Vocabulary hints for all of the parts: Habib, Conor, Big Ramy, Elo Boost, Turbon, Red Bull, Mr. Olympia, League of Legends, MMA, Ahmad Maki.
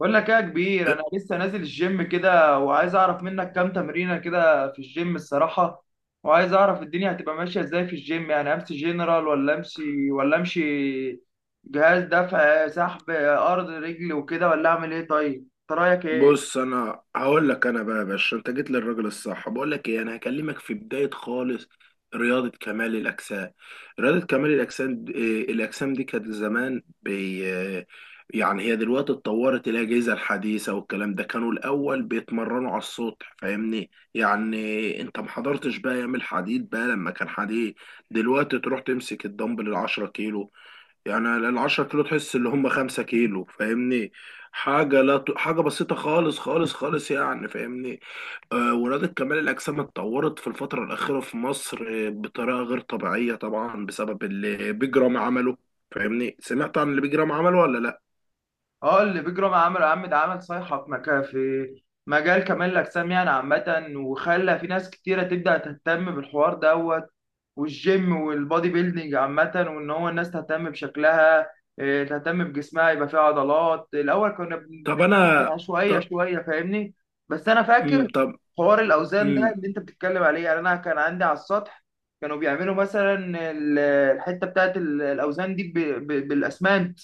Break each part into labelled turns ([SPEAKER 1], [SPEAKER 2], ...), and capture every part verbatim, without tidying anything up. [SPEAKER 1] بقول لك ايه يا كبير، انا لسه نازل الجيم كده وعايز اعرف منك كام تمرينه كده في الجيم الصراحه. وعايز اعرف الدنيا هتبقى ماشيه ازاي في الجيم، يعني امشي جنرال ولا امشي ولا امشي جهاز دفع سحب ارض رجل وكده، ولا اعمل ايه؟ طيب انت رايك ايه؟
[SPEAKER 2] بص، انا هقول لك. انا بقى يا باشا، انت جيت للراجل الصح. بقول لك ايه، انا هكلمك في بدايه خالص. رياضه كمال الاجسام رياضه كمال الاجسام د- إيه، الاجسام دي كانت زمان بي آه، يعني هي دلوقتي اتطورت. الاجهزه الحديثه والكلام ده، كانوا الاول بيتمرنوا على السطح. فاهمني؟ يعني انت ما حضرتش بقى ايام الحديد بقى لما كان حديد. دلوقتي تروح تمسك الدمبل ال 10 كيلو، يعني ال 10 كيلو تحس اللي هم 5 كيلو. فاهمني؟ حاجه لا ت... حاجه بسيطه خالص خالص خالص، يعني. فاهمني؟ آه، ورياضه كمال الاجسام اتطورت في الفتره الاخيره في مصر آه، بطريقه غير طبيعيه طبعا، بسبب اللي بيج رامي عمله. فاهمني؟ سمعت عن اللي بيج رامي عمله ولا لا؟
[SPEAKER 1] اه، اللي بيجرام عمل عم ده عمل صيحة في مكان، في مجال كمال الأجسام يعني عامة، وخلى في ناس كتيرة تبدأ تهتم بالحوار دوت والجيم والبودي بيلدينج عامة، وإن هو الناس تهتم بشكلها، إيه، تهتم بجسمها، يبقى فيه عضلات. الأول كنا بن-
[SPEAKER 2] طب
[SPEAKER 1] دي كانت
[SPEAKER 2] انا.
[SPEAKER 1] عشوائية
[SPEAKER 2] طب.
[SPEAKER 1] شوية فاهمني. بس أنا فاكر
[SPEAKER 2] امم. طب.
[SPEAKER 1] حوار الأوزان ده
[SPEAKER 2] امم.
[SPEAKER 1] اللي أنت بتتكلم عليه، يعني أنا كان عندي على السطح كانوا بيعملوا مثلا ال- الحتة بتاعت ال- الأوزان دي ب- ب- بالأسمنت.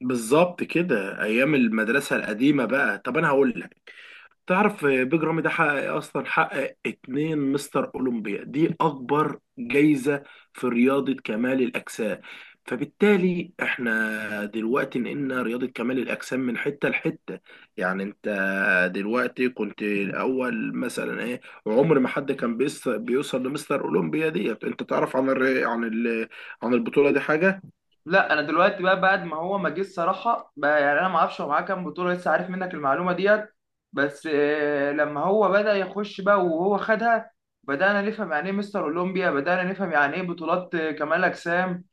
[SPEAKER 2] بالظبط كده، ايام المدرسه القديمه بقى. طب انا هقول لك، تعرف بيج رامي ده حقق إيه اصلا؟ حقق اتنين مستر اولمبيا، دي اكبر جايزه في رياضه كمال الاجسام. فبالتالي احنا دلوقتي نقلنا رياضه كمال الاجسام من حته لحته. يعني انت دلوقتي، كنت الاول مثلا ايه. عمر ما حد كان بيص- بيوصل لمستر اولمبيا. دي انت تعرف عن الر- عن ال- عن البطوله دي حاجه؟
[SPEAKER 1] لا، انا دلوقتي بقى بعد ما هو ما جه الصراحه بقى، يعني انا ما اعرفش هو معاه كام بطوله، لسه عارف منك المعلومه ديت. بس آه، لما هو بدا يخش بقى وهو خدها بدانا نفهم يعني ايه مستر اولمبيا، بدانا نفهم يعني ايه بطولات آه، كمال اجسام.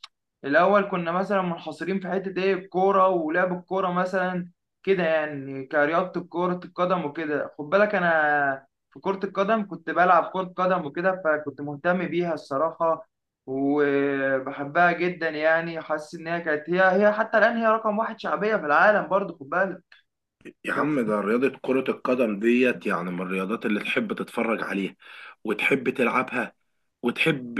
[SPEAKER 1] الاول كنا مثلا منحصرين في حته ايه، الكوره ولعب الكوره مثلا كده، يعني كرياضه كره القدم وكده. خد بالك انا في كره القدم كنت بلعب كره قدم وكده، فكنت مهتم بيها الصراحه وبحبها جدا. يعني حاسس ان هي كانت هي هي حتى الان، هي رقم واحد شعبيه في العالم برضه، خد بالك.
[SPEAKER 2] يا عم
[SPEAKER 1] بس
[SPEAKER 2] ده رياضة كرة القدم ديت يعني من الرياضات اللي تحب تتفرج عليها، وتحب تلعبها، وتحب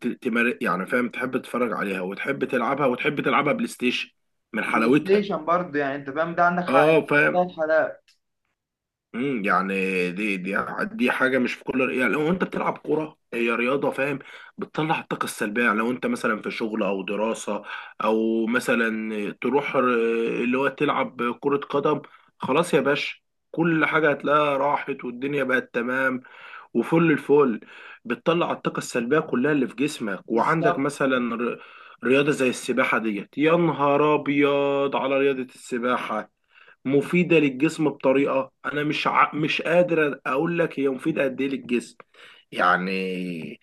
[SPEAKER 2] ت- تمار يعني فاهم، تحب تتفرج عليها وتحب تلعبها، وتحب تلعبها بلاي ستيشن من
[SPEAKER 1] بلاي
[SPEAKER 2] حلاوتها.
[SPEAKER 1] ستيشن برضه يعني انت فاهم، ده عندك حق
[SPEAKER 2] اه فاهم.
[SPEAKER 1] في حلقات.
[SPEAKER 2] امم يعني. دي دي دي حاجه مش في كل، يعني لو انت بتلعب كوره هي رياضه. فاهم؟ بتطلع الطاقه السلبيه. يعني لو انت مثلا في شغل او دراسه، او مثلا تروح ر- اللي هو تلعب كره قدم، خلاص يا باشا. كل حاجه هتلاقيها راحت، والدنيا بقت تمام وفل الفل. بتطلع الطاقه السلبيه كلها اللي في جسمك. وعندك
[SPEAKER 1] بالظبط.
[SPEAKER 2] مثلا ر- رياضه زي السباحه ديت، يا نهار ابيض على رياضه السباحه. مفيدة للجسم بطريقة، أنا مش ع... مش قادر أقول لك هي مفيدة قد إيه للجسم يعني.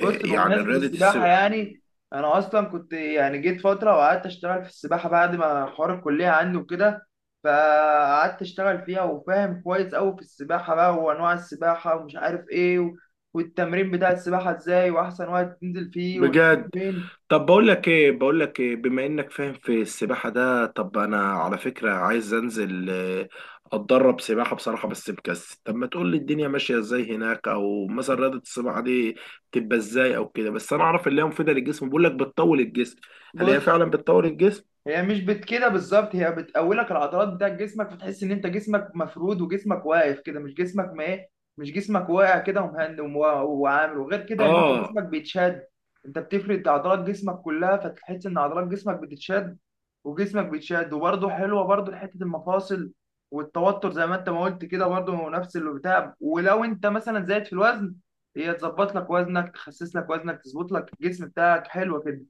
[SPEAKER 2] آه،
[SPEAKER 1] بص،
[SPEAKER 2] يعني
[SPEAKER 1] بمناسبة
[SPEAKER 2] رياضة
[SPEAKER 1] السباحة
[SPEAKER 2] السباحة.
[SPEAKER 1] يعني، أنا أصلا كنت يعني جيت فترة وقعدت أشتغل في السباحة بعد ما حوار الكلية عندي وكده، فقعدت أشتغل فيها وفاهم كويس أوي في السباحة بقى، وأنواع السباحة ومش عارف إيه و... والتمرين بتاع السباحة إزاي، وأحسن وقت تنزل فيه وتنزل
[SPEAKER 2] بجد.
[SPEAKER 1] فين.
[SPEAKER 2] طب بقول لك إيه، بقول لك إيه، بما إنك فاهم في السباحة ده، طب أنا على فكرة عايز أنزل آه، أتدرب سباحة بصراحة، بس مكسل. طب ما تقول لي الدنيا ماشية إزاي هناك، أو مثلا رياضة السباحة دي تبقى إزاي أو كده. بس أنا أعرف اللي هي مفيدة للجسم، بقول لك بتطول الجسم. هل هي
[SPEAKER 1] بص،
[SPEAKER 2] فعلا بتطول الجسم؟
[SPEAKER 1] هي مش بت كده بالظبط، هي بتقولك العضلات بتاعت جسمك، فتحس ان انت جسمك مفرود وجسمك واقف كده. مش جسمك ما ايه، مش جسمك واقع كده، ومهند وم- وعامل وغير كده، ان انت
[SPEAKER 2] آه.
[SPEAKER 1] جسمك بيتشد. انت بتفرد عضلات جسمك كلها، فتحس ان عضلات جسمك بتتشد وجسمك بيتشد. وبرضه حلوه برضه حته المفاصل والتوتر زي ما انت ما قلت كده، برضه هو نفس اللي بتاع. ولو انت مثلا زايد في الوزن، هي تظبط لك وزنك، تخسس لك وزنك، تظبط لك الجسم بتاعك، حلوه كده.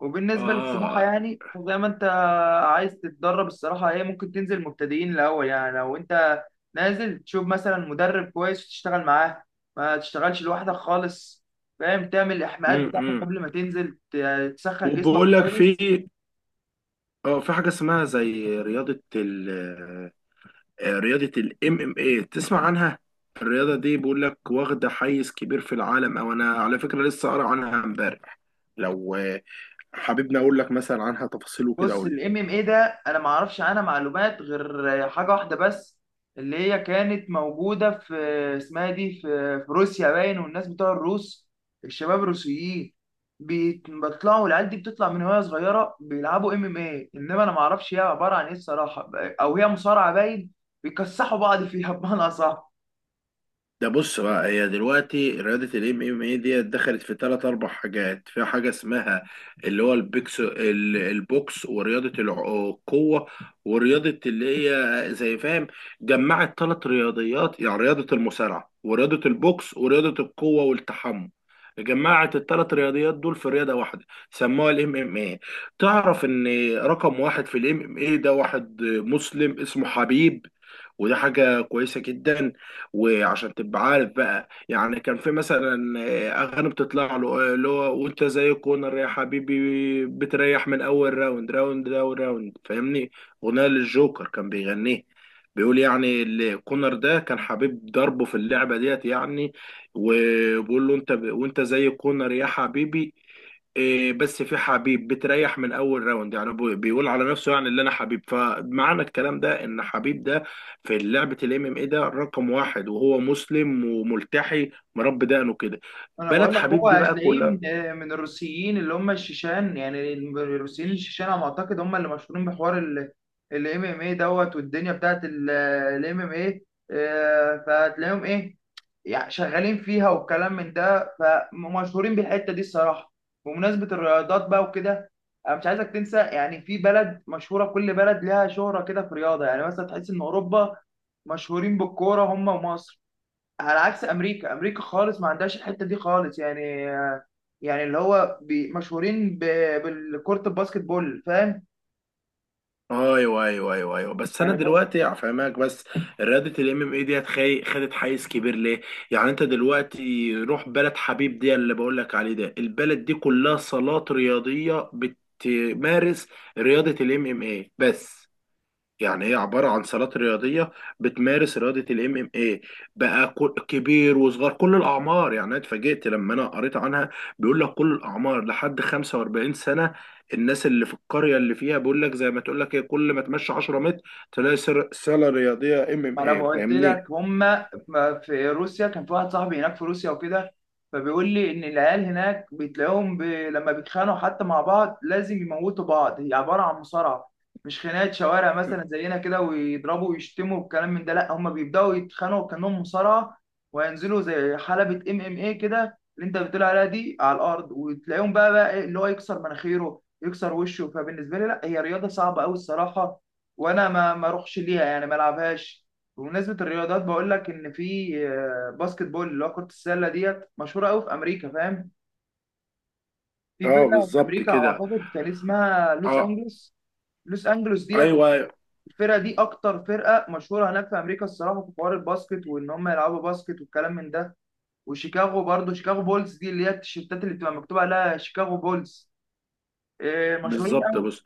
[SPEAKER 1] وبالنسبة للسباحة
[SPEAKER 2] آه.
[SPEAKER 1] يعني، فزي ما انت عايز تتدرب الصراحة، هي ممكن تنزل مبتدئين الأول، يعني لو انت نازل تشوف مثلا مدرب كويس وتشتغل معاه، ما تشتغلش لوحدك خالص، فاهم. تعمل الإحماءات
[SPEAKER 2] إمم،
[SPEAKER 1] بتاعتك
[SPEAKER 2] إمم.
[SPEAKER 1] قبل ما تنزل ت- تسخن جسمك
[SPEAKER 2] وبقول لك
[SPEAKER 1] كويس.
[SPEAKER 2] في اه في حاجه اسمها زي رياضه ال آه، رياضه الام ام اي. تسمع عنها؟ الرياضه دي بقول لك واخده حيز كبير في العالم، او انا على فكره لسه قارئ عنها امبارح. لو آه، حاببني اقول لك مثلا عنها تفاصيل وكده.
[SPEAKER 1] بص، الام ام اي ده انا ما اعرفش عنها معلومات غير حاجه واحده بس، اللي هي كانت موجوده في اسمها إيه دي، في في روسيا باين. والناس بتوع الروس، الشباب الروسيين بيت- بيطلعوا العيال دي بتطلع من وهي صغيره بيلعبوا ام ام اي. انما انا ما اعرفش هي عباره عن ايه الصراحه، او هي مصارعه باين، بيكسحوا بعض فيها بمعنى اصح.
[SPEAKER 2] ده بص بقى، هي دلوقتي رياضة الام ام اي دي دخلت في ثلاث اربع حاجات. في حاجة اسمها اللي هو البيكس ال- البوكس، ورياضة الع- القوة، ورياضة اللي هي زي فاهم. جمعت ثلاث رياضيات، يعني رياضة المصارعة، ورياضة البوكس، ورياضة القوة والتحمل. جمعت الثلاث رياضيات دول في رياضة واحدة، سموها الام ام اي. تعرف ان رقم واحد في الام ام اي ده واحد مسلم اسمه حبيب، وده حاجة كويسة جدا. وعشان تبقى عارف بقى، يعني كان في مثلا آه، اغاني بتطلع له آه، اللي هو: وانت زي كونر يا حبيبي بتريح من اول راوند، راوند ده وراوند، فاهمني؟ اغنيه للجوكر كان بيغنيه. بيقول يعني ال- كونر ده كان حبيب ضربه في اللعبه ديت يعني. وبيقول له: انت ب... وانت زي كونر يا حبيبي إيه، بس في حبيب بتريح من اول راوند. يعني بي- بيقول على نفسه يعني اللي انا حبيب. فمعنى الكلام ده، ان حبيب ده في لعبة الام ام اي ده رقم واحد، وهو مسلم وملتحي، مربي دقنه كده.
[SPEAKER 1] انا
[SPEAKER 2] بلد
[SPEAKER 1] بقول لك هو
[SPEAKER 2] حبيب دي بقى
[SPEAKER 1] هتلاقيه
[SPEAKER 2] كلها.
[SPEAKER 1] من من الروسيين اللي هم الشيشان، يعني الروسيين الشيشان على ما اعتقد هم اللي مشهورين بحوار الام ام اي دوت والدنيا بتاعت الام ام اي. فهتلاقيهم ايه، يعني شغالين فيها والكلام من ده، فمشهورين بالحته دي الصراحه. بمناسبه الرياضات بقى وكده، انا مش عايزك تنسى، يعني في بلد مشهوره، كل بلد لها شهره كده في رياضه. يعني مثلا تحس ان اوروبا مشهورين بالكوره هم ومصر، على عكس امريكا. امريكا خالص ما عندهاش الحته دي خالص، يعني يعني اللي هو بي- مشهورين ب- بالكرة الباسكت بول فاهم.
[SPEAKER 2] ايوه ايوه ايوه ايوه، بس انا
[SPEAKER 1] يعني ب-
[SPEAKER 2] دلوقتي هفهمك. بس رياضه الام ام اي ديت خي- خدت حيز كبير ليه؟ يعني انت دلوقتي روح بلد حبيب دي اللي بقول لك عليه ده، البلد دي كلها صالات رياضيه بتمارس رياضه الام ام اي بس. يعني هي عبارة عن صالات رياضية بتمارس رياضة الام ام اي بقى، كل- كبير وصغار، كل الأعمار. يعني أنا اتفاجئت لما أنا قريت عنها، بيقول لك كل الأعمار لحد 45 سنة. الناس اللي في القرية اللي فيها بيقول لك، زي ما تقول لك ايه، كل ما تمشي 10 متر تلاقي سر- صالة رياضية ام ام
[SPEAKER 1] ما انا
[SPEAKER 2] اي.
[SPEAKER 1] قلت
[SPEAKER 2] فاهمني؟
[SPEAKER 1] لك هما ما- في روسيا كان في واحد صاحبي هناك في روسيا وكده، فبيقول لي ان العيال هناك بتلاقيهم ب... لما بيتخانقوا حتى مع بعض لازم يموتوا بعض. هي عباره عن مصارعه، مش خناقه شوارع مثلا زينا كده ويضربوا ويشتموا والكلام من ده. لا، هما بيبداوا يتخانقوا كانهم مصارعه، وينزلوا زي حلبه ام ام اي كده اللي انت بتقول عليها دي على الارض، وتلاقيهم بقى بقى إيه اللي هو يكسر مناخيره يكسر وشه. فبالنسبه لي لا، هي رياضه صعبه قوي الصراحه، وانا ما ما اروحش ليها يعني، ما العبهاش. بمناسبة الرياضات، بقول لك إن في آه، باسكت بول اللي هو كرة السلة ديت مشهورة أوي في أمريكا، فاهم؟ في
[SPEAKER 2] اه
[SPEAKER 1] فرقة في
[SPEAKER 2] بالظبط
[SPEAKER 1] أمريكا
[SPEAKER 2] كده.
[SPEAKER 1] أعتقد كان اسمها لوس
[SPEAKER 2] اه.
[SPEAKER 1] أنجلوس. لوس أنجلوس ديت
[SPEAKER 2] ايوه أيوه،
[SPEAKER 1] الفرقة دي أكتر فرقة مشهورة هناك في أمريكا الصراحة في حوار الباسكت، وإن هم يلعبوا باسكت والكلام من ده. وشيكاغو برضه، شيكاغو بولز دي اللي هي التيشيرتات اللي بتبقى مكتوب عليها شيكاغو بولز، آه، مشهورين
[SPEAKER 2] بالظبط.
[SPEAKER 1] أوي.
[SPEAKER 2] بص،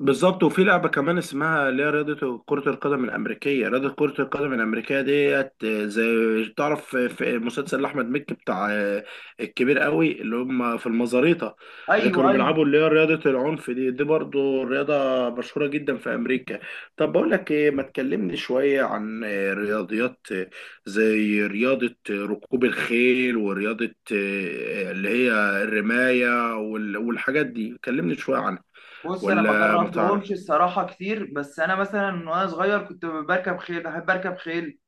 [SPEAKER 2] بالظبط. وفي لعبة كمان اسمها اللي هي رياضة كرة القدم الأمريكية. رياضة كرة القدم الأمريكية ديت، زي تعرف في مسلسل أحمد مكي بتاع آه، الكبير قوي، اللي هم في المزاريطة اللي
[SPEAKER 1] أيوه
[SPEAKER 2] كانوا
[SPEAKER 1] أيوه.
[SPEAKER 2] بيلعبوا، اللي هي رياضة العنف دي. دي برضو رياضة مشهورة جدا في أمريكا. طب بقول لك إيه، ما تكلمني شوية عن آه، رياضيات آه، زي رياضة آه، ركوب الخيل، ورياضة آه، اللي هي الرماية، وال- والحاجات دي. كلمني شوية عنها
[SPEAKER 1] بص، أنا ما
[SPEAKER 2] ولا ما تعرف.
[SPEAKER 1] جربتهمش الصراحة كتير، بس أنا مثلا وأنا صغير كنت بركب خيل، بحب أركب خيل.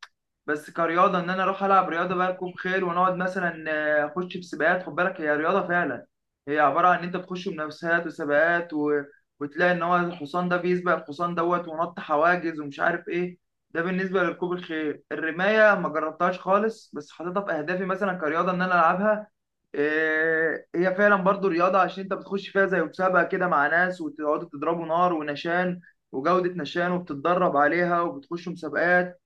[SPEAKER 1] بس كرياضه ان انا اروح العب رياضه بقى ركوب خيل ونقعد مثلا آه، اخش في سباقات. خد بالك هي رياضه فعلا، هي عباره عن ان انت بتخش منافسات وسباقات و... وتلاقي ان هو الحصان ده بيسبق الحصان دوت، ونط حواجز ومش عارف ايه. ده بالنسبه لركوب الخيل. الرمايه ما جربتهاش خالص، بس حاططها في اهدافي مثلا كرياضه ان انا العبها. إيه، هي فعلا برضو رياضه، عشان انت بتخش فيها زي مسابقه كده مع ناس، وتقعدوا تضربوا نار ونشان وجوده نشان، وبتتدرب عليها وبتخشوا مسابقات.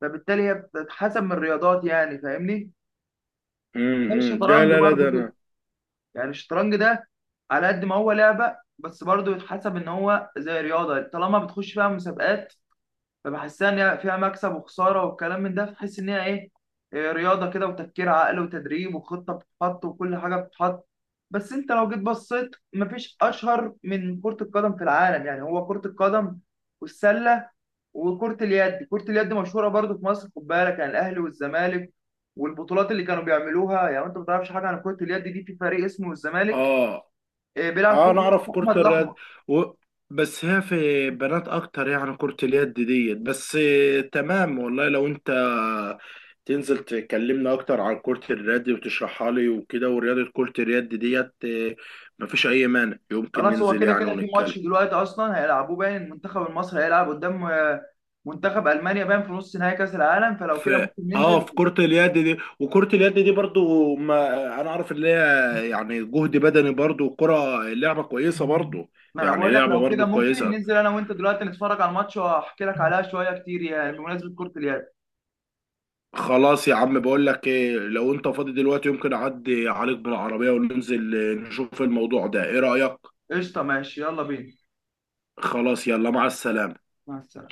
[SPEAKER 1] فبالتالي هي بتتحسب من الرياضات، يعني فاهمني. زي
[SPEAKER 2] امم، ده
[SPEAKER 1] الشطرنج
[SPEAKER 2] لا لا ده
[SPEAKER 1] برضو كده،
[SPEAKER 2] انا.
[SPEAKER 1] يعني الشطرنج ده على قد ما هو لعبة، بس برضو يتحسب ان هو زي رياضة، طالما بتخش فيها مسابقات. فبحسها ان هي فيها مكسب وخساره والكلام من ده، فحس ان هي ايه، إيه، رياضه كده وتفكير عقل وتدريب وخطه بتتحط وكل حاجه بتتحط. بس انت لو جيت بصيت، مفيش اشهر من كره القدم في العالم. يعني هو كره القدم والسله وكرة اليد. كرة اليد مشهورة برضو في مصر، خد بالك يعني الأهلي والزمالك والبطولات اللي كانوا بيعملوها. يعني أنت ما تعرفش حاجة عن كرة اليد، دي في فريق اسمه الزمالك،
[SPEAKER 2] اه.
[SPEAKER 1] آه، بيلعب فيه
[SPEAKER 2] اه، انا اعرف
[SPEAKER 1] اسمه
[SPEAKER 2] كرة
[SPEAKER 1] أحمد
[SPEAKER 2] الرد
[SPEAKER 1] الأحمر.
[SPEAKER 2] و... بس هي في بنات اكتر يعني كرة اليد ديت، بس آه، تمام والله. لو انت تنزل تكلمنا اكتر عن كرة اليد وتشرحها لي وكده، ورياضة كرة اليد ديت آه، مفيش اي مانع، يمكن
[SPEAKER 1] خلاص، هو
[SPEAKER 2] ننزل
[SPEAKER 1] كده كده
[SPEAKER 2] يعني
[SPEAKER 1] في ماتش
[SPEAKER 2] ونتكلم
[SPEAKER 1] دلوقتي أصلا هيلعبوه باين. المنتخب المصري هيلعب قدام منتخب المانيا باين في نص نهائي كاس العالم، فلو كده
[SPEAKER 2] في
[SPEAKER 1] ممكن
[SPEAKER 2] اه
[SPEAKER 1] ننزل.
[SPEAKER 2] في كرة اليد دي. وكرة اليد دي برضو، ما انا اعرف اللي هي يعني جهد بدني برضو، كرة لعبة كويسة برضو،
[SPEAKER 1] ما انا
[SPEAKER 2] يعني
[SPEAKER 1] بقول لك
[SPEAKER 2] لعبة
[SPEAKER 1] لو كده
[SPEAKER 2] برضو
[SPEAKER 1] ممكن
[SPEAKER 2] كويسة.
[SPEAKER 1] ننزل انا وانت دلوقتي، نتفرج على الماتش واحكي لك عليها شويه كتير يعني بمناسبه كره اليد.
[SPEAKER 2] خلاص يا عم، بقول لك ايه، لو انت فاضي دلوقتي يمكن اعدي عليك بالعربية وننزل آه، نشوف الموضوع ده. ايه رأيك؟
[SPEAKER 1] قشطه ماشي، يلا بينا.
[SPEAKER 2] خلاص، يلا مع السلامة.
[SPEAKER 1] مع السلامه.